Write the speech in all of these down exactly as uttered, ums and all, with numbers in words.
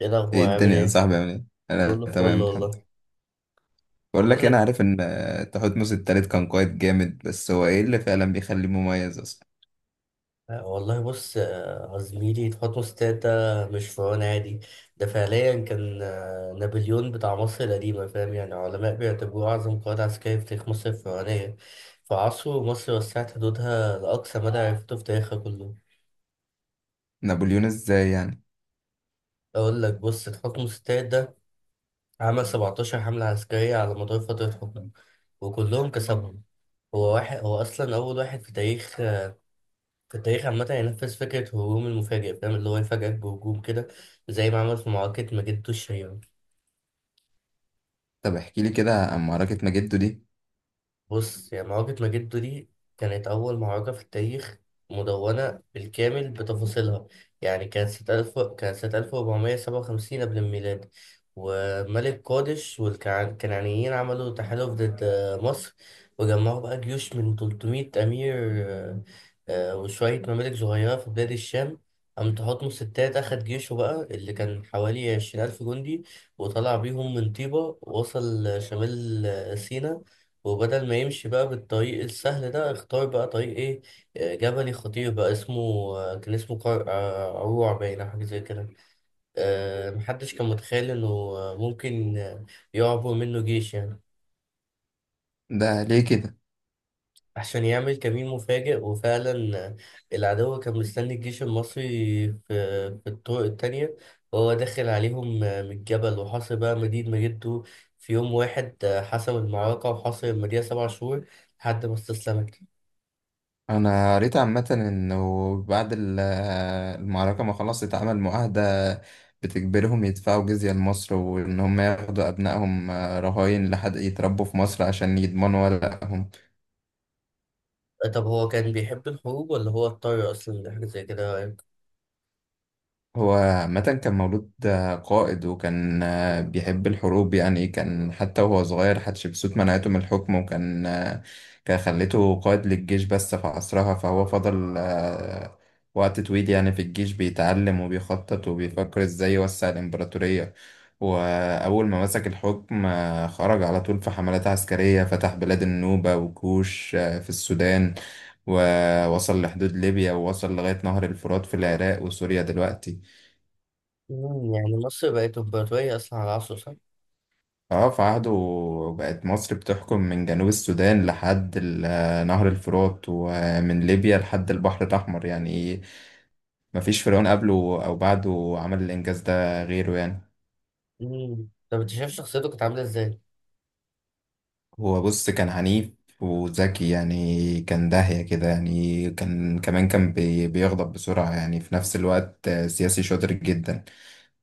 ايه ايه الاخبار؟ عامل الدنيا يا ايه؟ صاحبي عامل ايه؟ انا كله فل تمام الحمد والله. لله. بقول لك بقول إيه، انا لك، عارف ان آه، تحتمس التالت كان قائد جامد، بس هو ايه اللي فعلا بيخليه مميز اصلا؟ آه، والله بص، آه، زميلي خطوه ستات ده مش فرعون عادي. ده فعليا كان آه، نابليون بتاع مصر القديمه، فاهم؟ يعني علماء بيعتبروه اعظم قائد عسكري في تاريخ مصر الفرعونيه. في عصره مصر وسعت حدودها لاقصى مدى عرفته في تاريخها كله. نابليون ازاي يعني؟ اقول لك، بص، تحكم ستات ده عمل سبعتاشر حمله عسكريه على مدار فتره حكمه، وكلهم كسبهم. هو واحد، هو اصلا اول واحد في تاريخ، في التاريخ عامة ينفذ فكرة هجوم المفاجئ، فاهم؟ اللي هو يفاجئك بهجوم كده، زي ما عمل في معركة مجد الشهيرة. طب احكي لي كده عن معركة ماجدو دي. بص، يا معركة ماجدو دي كانت أول معركة في التاريخ مدونة بالكامل بتفاصيلها. يعني كانت سنة ألف كانت سنة ألف وأربعمية سبعة وخمسين قبل الميلاد، وملك قادش والكنعانيين عملوا تحالف ضد مصر، وجمعوا بقى جيوش من ثلاثمئة أمير آه، آه، وشوية ممالك صغيرة في بلاد الشام. قام تحتمس التالت أخد جيشه بقى، اللي كان حوالي عشرين ألف جندي، وطلع بيهم من طيبة ووصل شمال سيناء. وبدل ما يمشي بقى بالطريق السهل ده، اختار بقى طريق ايه؟ آه، جبلي خطير بقى اسمه، آه، كان اسمه قرع، آه، عروع، باين أو حاجة زي كده. آه، محدش كان متخيل انه آه، ممكن آه، يعبر منه جيش يعني. ده ليه كده؟ عشان يعمل كمين مفاجئ. وفعلا، آه، العدو كان مستني الجيش المصري في, في الطرق التانية، وهو داخل عليهم آه، من الجبل. وحاصر بقى مدينة مجده في يوم واحد، آه، حسم المعركة وحاصر المدينة سبع شهور لحد ما استسلمت. انا قريت عامة انه بعد ال- آه، المعركة ما خلاص اتعمل معاهدة بتجبرهم يدفعوا جزية لمصر، وان هم ياخدوا ابنائهم آه، رهاين لحد يتربوا في مصر عشان يضمنوا ورقهم. طب هو كان بيحب الحروب ولا هو اضطر أصلا لحاجة زي كده، رأيك؟ هو عامة كان مولود آه، قائد، وكان آه، بيحب الحروب، يعني كان حتى وهو صغير حتشبسوت منعته من الحكم، وكان آه، كان خليته قائد للجيش بس في عصرها، فهو فضل آه، وقت طويل يعني في الجيش بيتعلم وبيخطط وبيفكر ازاي يوسع الإمبراطورية. وأول ما مسك الحكم آه، خرج على طول في حملات عسكرية، فتح بلاد النوبة وكوش آه، في السودان، ووصل لحدود ليبيا ووصل لغاية نهر الفرات في العراق وسوريا دلوقتي. مم، يعني مصر بقت إمبراطورية أصلا على عصره، صح؟ اه، في عهده بقت مصر بتحكم من جنوب السودان لحد ال- نهر الفرات، ومن ليبيا لحد البحر الأحمر، يعني مفيش فرعون قبله أو بعده عمل الإنجاز ده غيره يعني. مم. طب أنت شايف شخصيته كانت عاملة إزاي؟ هو بص كان عنيف وذكي، يعني كان داهية كده، يعني كان كمان كان بي- بيغضب بسرعة، يعني في نفس الوقت سياسي شاطر جدا،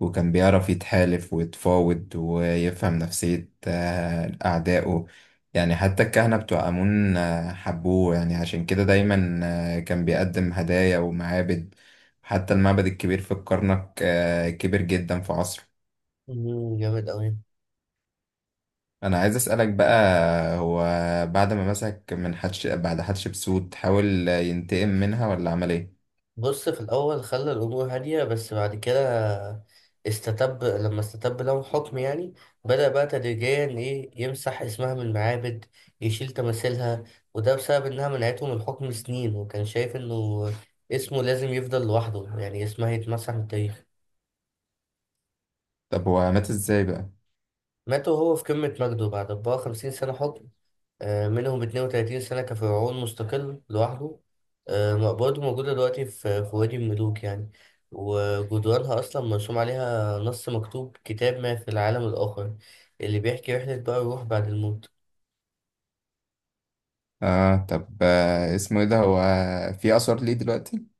وكان بيعرف يتحالف ويتفاوض ويفهم نفسية آه، أعدائه، يعني حتى الكهنة بتوع آمون آه، حبوه يعني، عشان كده دايما آه، كان بيقدم هدايا ومعابد، حتى المعبد الكبير في الكرنك آه، كبر جدا في عصره. مم، جامد أوي. أنا عايز أسألك بقى، هو بعد ما مسك من حتش بعد حتشبسوت حاول ينتقم منها ولا عمل إيه؟ بص، في الأول خلى الأمور هادية، بس بعد كده استتب لما استتب لهم حكم يعني. بدأ بقى تدريجيا، إيه، يمسح اسمها من المعابد، يشيل تماثيلها. وده بسبب إنها منعته من الحكم سنين، وكان شايف إنه اسمه لازم يفضل لوحده، يعني اسمها يتمسح من التاريخ. طب هو مات إزاي بقى؟ مات وهو في قمة مجده بعد أربعة وخمسين سنة حكم، آه، منهم اتنين وتلاتين سنة كفرعون مستقل لوحده. آه، مقبرته موجودة دلوقتي في في وادي الملوك يعني، وجدرانها أصلا مرسوم عليها نص مكتوب كتاب ما في العالم الآخر، اللي بيحكي رحلة بقى الروح بعد الموت. آه طب آه، اسمه إيه ده؟ هو في آثار ليه دلوقتي؟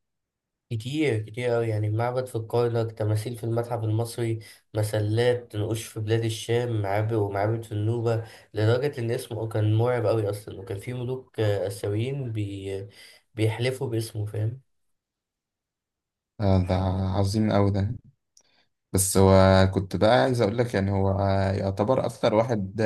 كتير كتير أوي يعني، معبد في الكرنك، تماثيل في المتحف المصري، مسلات، نقوش في بلاد الشام، معابد ومعابد في النوبة. لدرجة إن اسمه كان مرعب أوي أصلا، وكان في ملوك آه، آسيويين بي بيحلفوا باسمه، فاهم؟ آه، ده عظيم أوي ده. بس هو كنت بقى عايز اقول لك يعني هو يعتبر اكتر واحد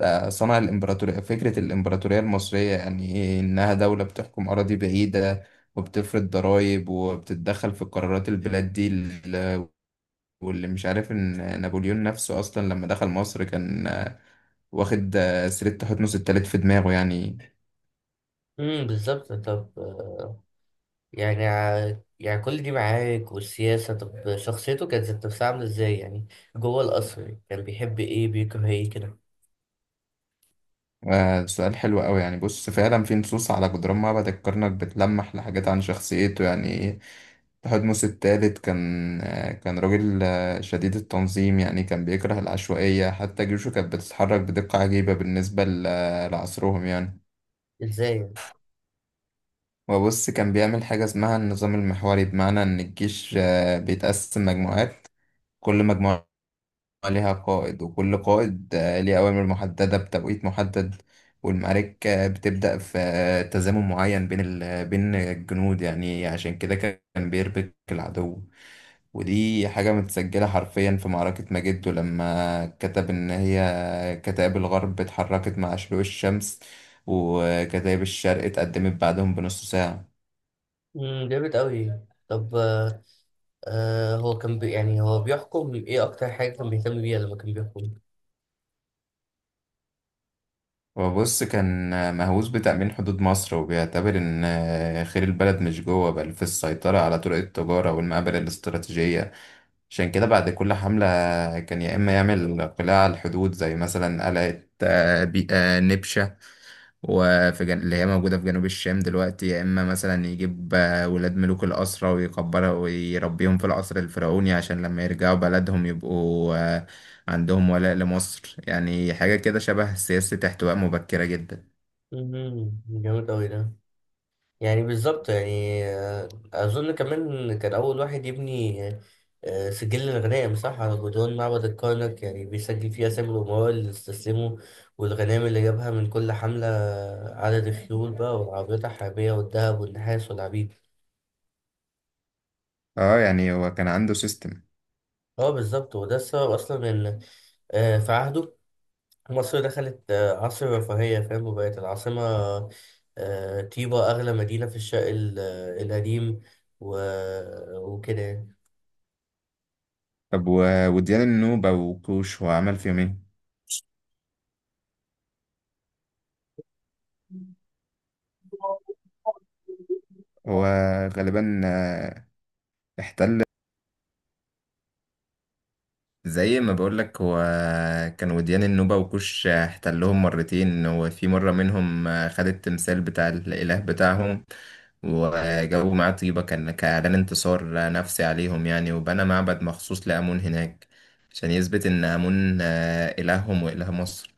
آه، صنع الامبراطوريه، فكره الامبراطوريه المصريه، يعني إيه، انها دوله بتحكم اراضي بعيده وبتفرض ضرائب وبتتدخل في قرارات البلاد دي ال- واللي مش عارف ان نابليون نفسه اصلا لما دخل مصر كان آه، واخد آه، سريه حتنس التالت في دماغه يعني. امم، بالظبط. طب آه، يعني ع- يعني كل دي معارك والسياسة، طب شخصيته كانت ذات نفسها عاملة ازاي يعني؟ جوه القصر كان بيحب ايه، بيكره ايه كده؟ آه، سؤال حلو قوي، يعني بص فعلا في نصوص على جدران معبد الكرنك بتلمح لحاجات عن شخصيته، يعني تحتمس الثالث كان آه كان راجل آه شديد التنظيم، يعني كان بيكره العشوائية، حتى جيوشه كانت بتتحرك بدقة عجيبة بالنسبة ل- لعصرهم يعني. ازاي يعني؟ وبص كان بيعمل حاجة اسمها النظام المحوري، بمعنى إن الجيش آه بيتقسم مجموعات، كل مجموعة ليها قائد، وكل قائد آه، ليه أوامر محددة بتوقيت محدد، والمعارك آه، بتبدأ في آه، تزامن معين بين ال... بين الجنود، يعني عشان كده كان بيربك العدو، ودي حاجة متسجلة حرفيا في معركة ماجدو لما كتب إن هي كتائب الغرب اتحركت مع شروق الشمس، وكتائب الشرق اتقدمت بعدهم بنص ساعة. امم، جامد أوي. طب آه هو كان بي يعني هو بيحكم ايه؟ اكتر حاجة كان بيهتم بيها لما كان بيحكم؟ وبص كان مهووس بتأمين حدود مصر، وبيعتبر إن خير البلد مش جوه بل في السيطرة على طرق التجارة والمقابر الاستراتيجية، عشان كده بعد كل حملة كان يا إما يعمل قلاع على الحدود، زي مثلا قلعة آه، بي- آه، نبشة، وفي جن... اللي هي موجودة في جنوب الشام دلوقتي، يا إما مثلا يجيب آه، ولاد ملوك الأسرة ويكبرها ويربيهم في القصر الفرعوني، عشان لما يرجعوا بلدهم يبقوا آه، عندهم ولاء لمصر، يعني حاجة كده شبه سياسة احتواء مبكرة جدا. مهم. جامد أوي ده. يعني بالظبط يعني، آه، أظن كمان كان أول واحد يبني آه، سجل الغنائم، صح، على جدران معبد الكرنك. يعني بيسجل فيه أسامي الأمراء اللي استسلموا، والغنائم اللي جابها من كل حملة، عدد الخيول بقى والعربيات الحربية والذهب والنحاس والعبيد. اه، يعني هو كان عنده سيستم. اه، بالظبط. وده السبب أصلا إن آه، في عهده مصر دخلت آه، عصر الرفاهية، فاهم، وبقت العاصمة، آه، طيبة، أغلى مدينة في الشرق ال- آه، القديم. و... وكده يعني. طب و... وديان النوبة وكوش هو عمل فيهم ايه؟ هو غالبا آه، احتل، زي ما بقولك هو كان وديان النوبة وكوش احتلهم مرتين، وفي مرة منهم آه، خد التمثال بتاع الإله بتاعهم وجابوا معاه طيبة، كان كإعلان انتصار نفسي عليهم يعني، وبنى معبد مخصوص لآمون هناك عشان يثبت إن آمون آه، إلههم وإله مصر.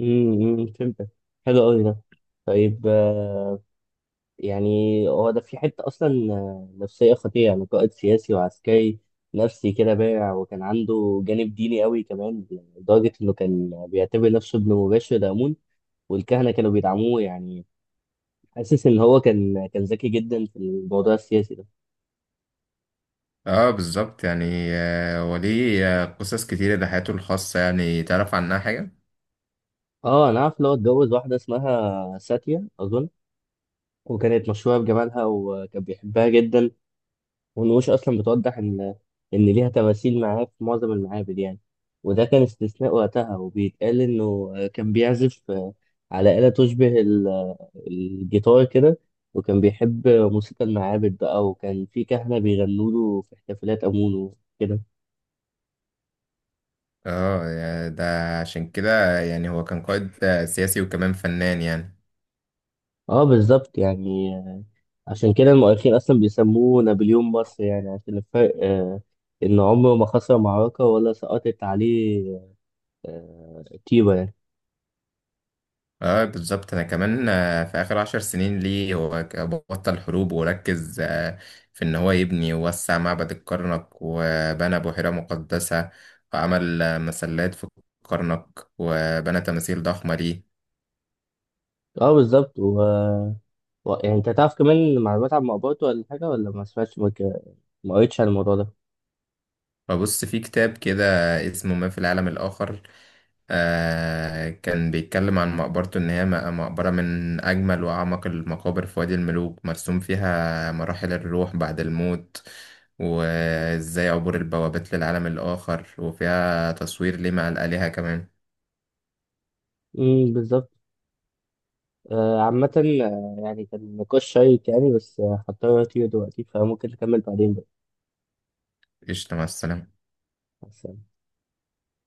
امم، فهمتك. حلو قوي ده. طيب، آه، يعني هو ده في حتة أصلا آه، نفسية خطيرة، يعني قائد سياسي وعسكري نفسي كده بارع، وكان عنده جانب ديني قوي كمان، لدرجة إنه كان بيعتبر نفسه ابن مباشر لآمون، والكهنة كانوا بيدعموه يعني. حاسس ان هو كان كان ذكي جدا في الموضوع السياسي ده. اه بالظبط، يعني آه، وليه آه، قصص كتيرة ده، حياته الخاصة يعني تعرف عنها حاجة؟ اه، انا عارف اللي هو اتجوز واحده اسمها ساتيا اظن، وكانت مشهوره بجمالها وكان بيحبها جدا، والنقوش اصلا بتوضح ان ان ليها تماثيل معاه في معظم المعابد يعني، وده كان استثناء وقتها. وبيتقال انه كان بيعزف على آلة تشبه ال- الجيتار كده، وكان بيحب موسيقى المعابد بقى، وكان في كهنة بيغنوا له في احتفالات أمونه كده. اه يعني ده، عشان كده يعني هو كان قائد آه، سياسي وكمان فنان يعني. اه، بالظبط يعني آه، عشان كده المؤرخين اصلا بيسموه نابليون مصر، يعني عشان الفرق آه، ان عمره ما خسر معركة ولا سقطت عليه آه، طيبة يعني. اه بالظبط، انا كمان آه، في اخر عشر سنين ليه هو ك- بطل حروب وركز آه، في ان هو يبني ووسع معبد الكرنك، وبنى بحيرة مقدسة، وعمل آه، مسلات في الكرنك، وبنى تماثيل ضخمة ليه. اه، بالظبط. و... و... يعني انت تعرف كمان معلومات عن مقبرته ولا حاجة؟ ولا ما سمعتش، ما ك- ما قريتش عن الموضوع ده؟ فبص في كتاب كده اسمه ما في العالم الآخر، آه كان بيتكلم عن مقبرته إن هي م- مقبرة من أجمل وأعمق المقابر في وادي الملوك، مرسوم فيها مراحل الروح بعد الموت وإزاي عبور البوابات للعالم الآخر، وفيها تصوير ليه مع الآلهة كمان. امم، بالظبط. آه، عامة، آه، يعني كان نقاش شيق يعني، بس آه، هضطر اطير دلوقتي، فممكن نكمل بعدين بقى. قشطة، مع السلامة. مع السلامة.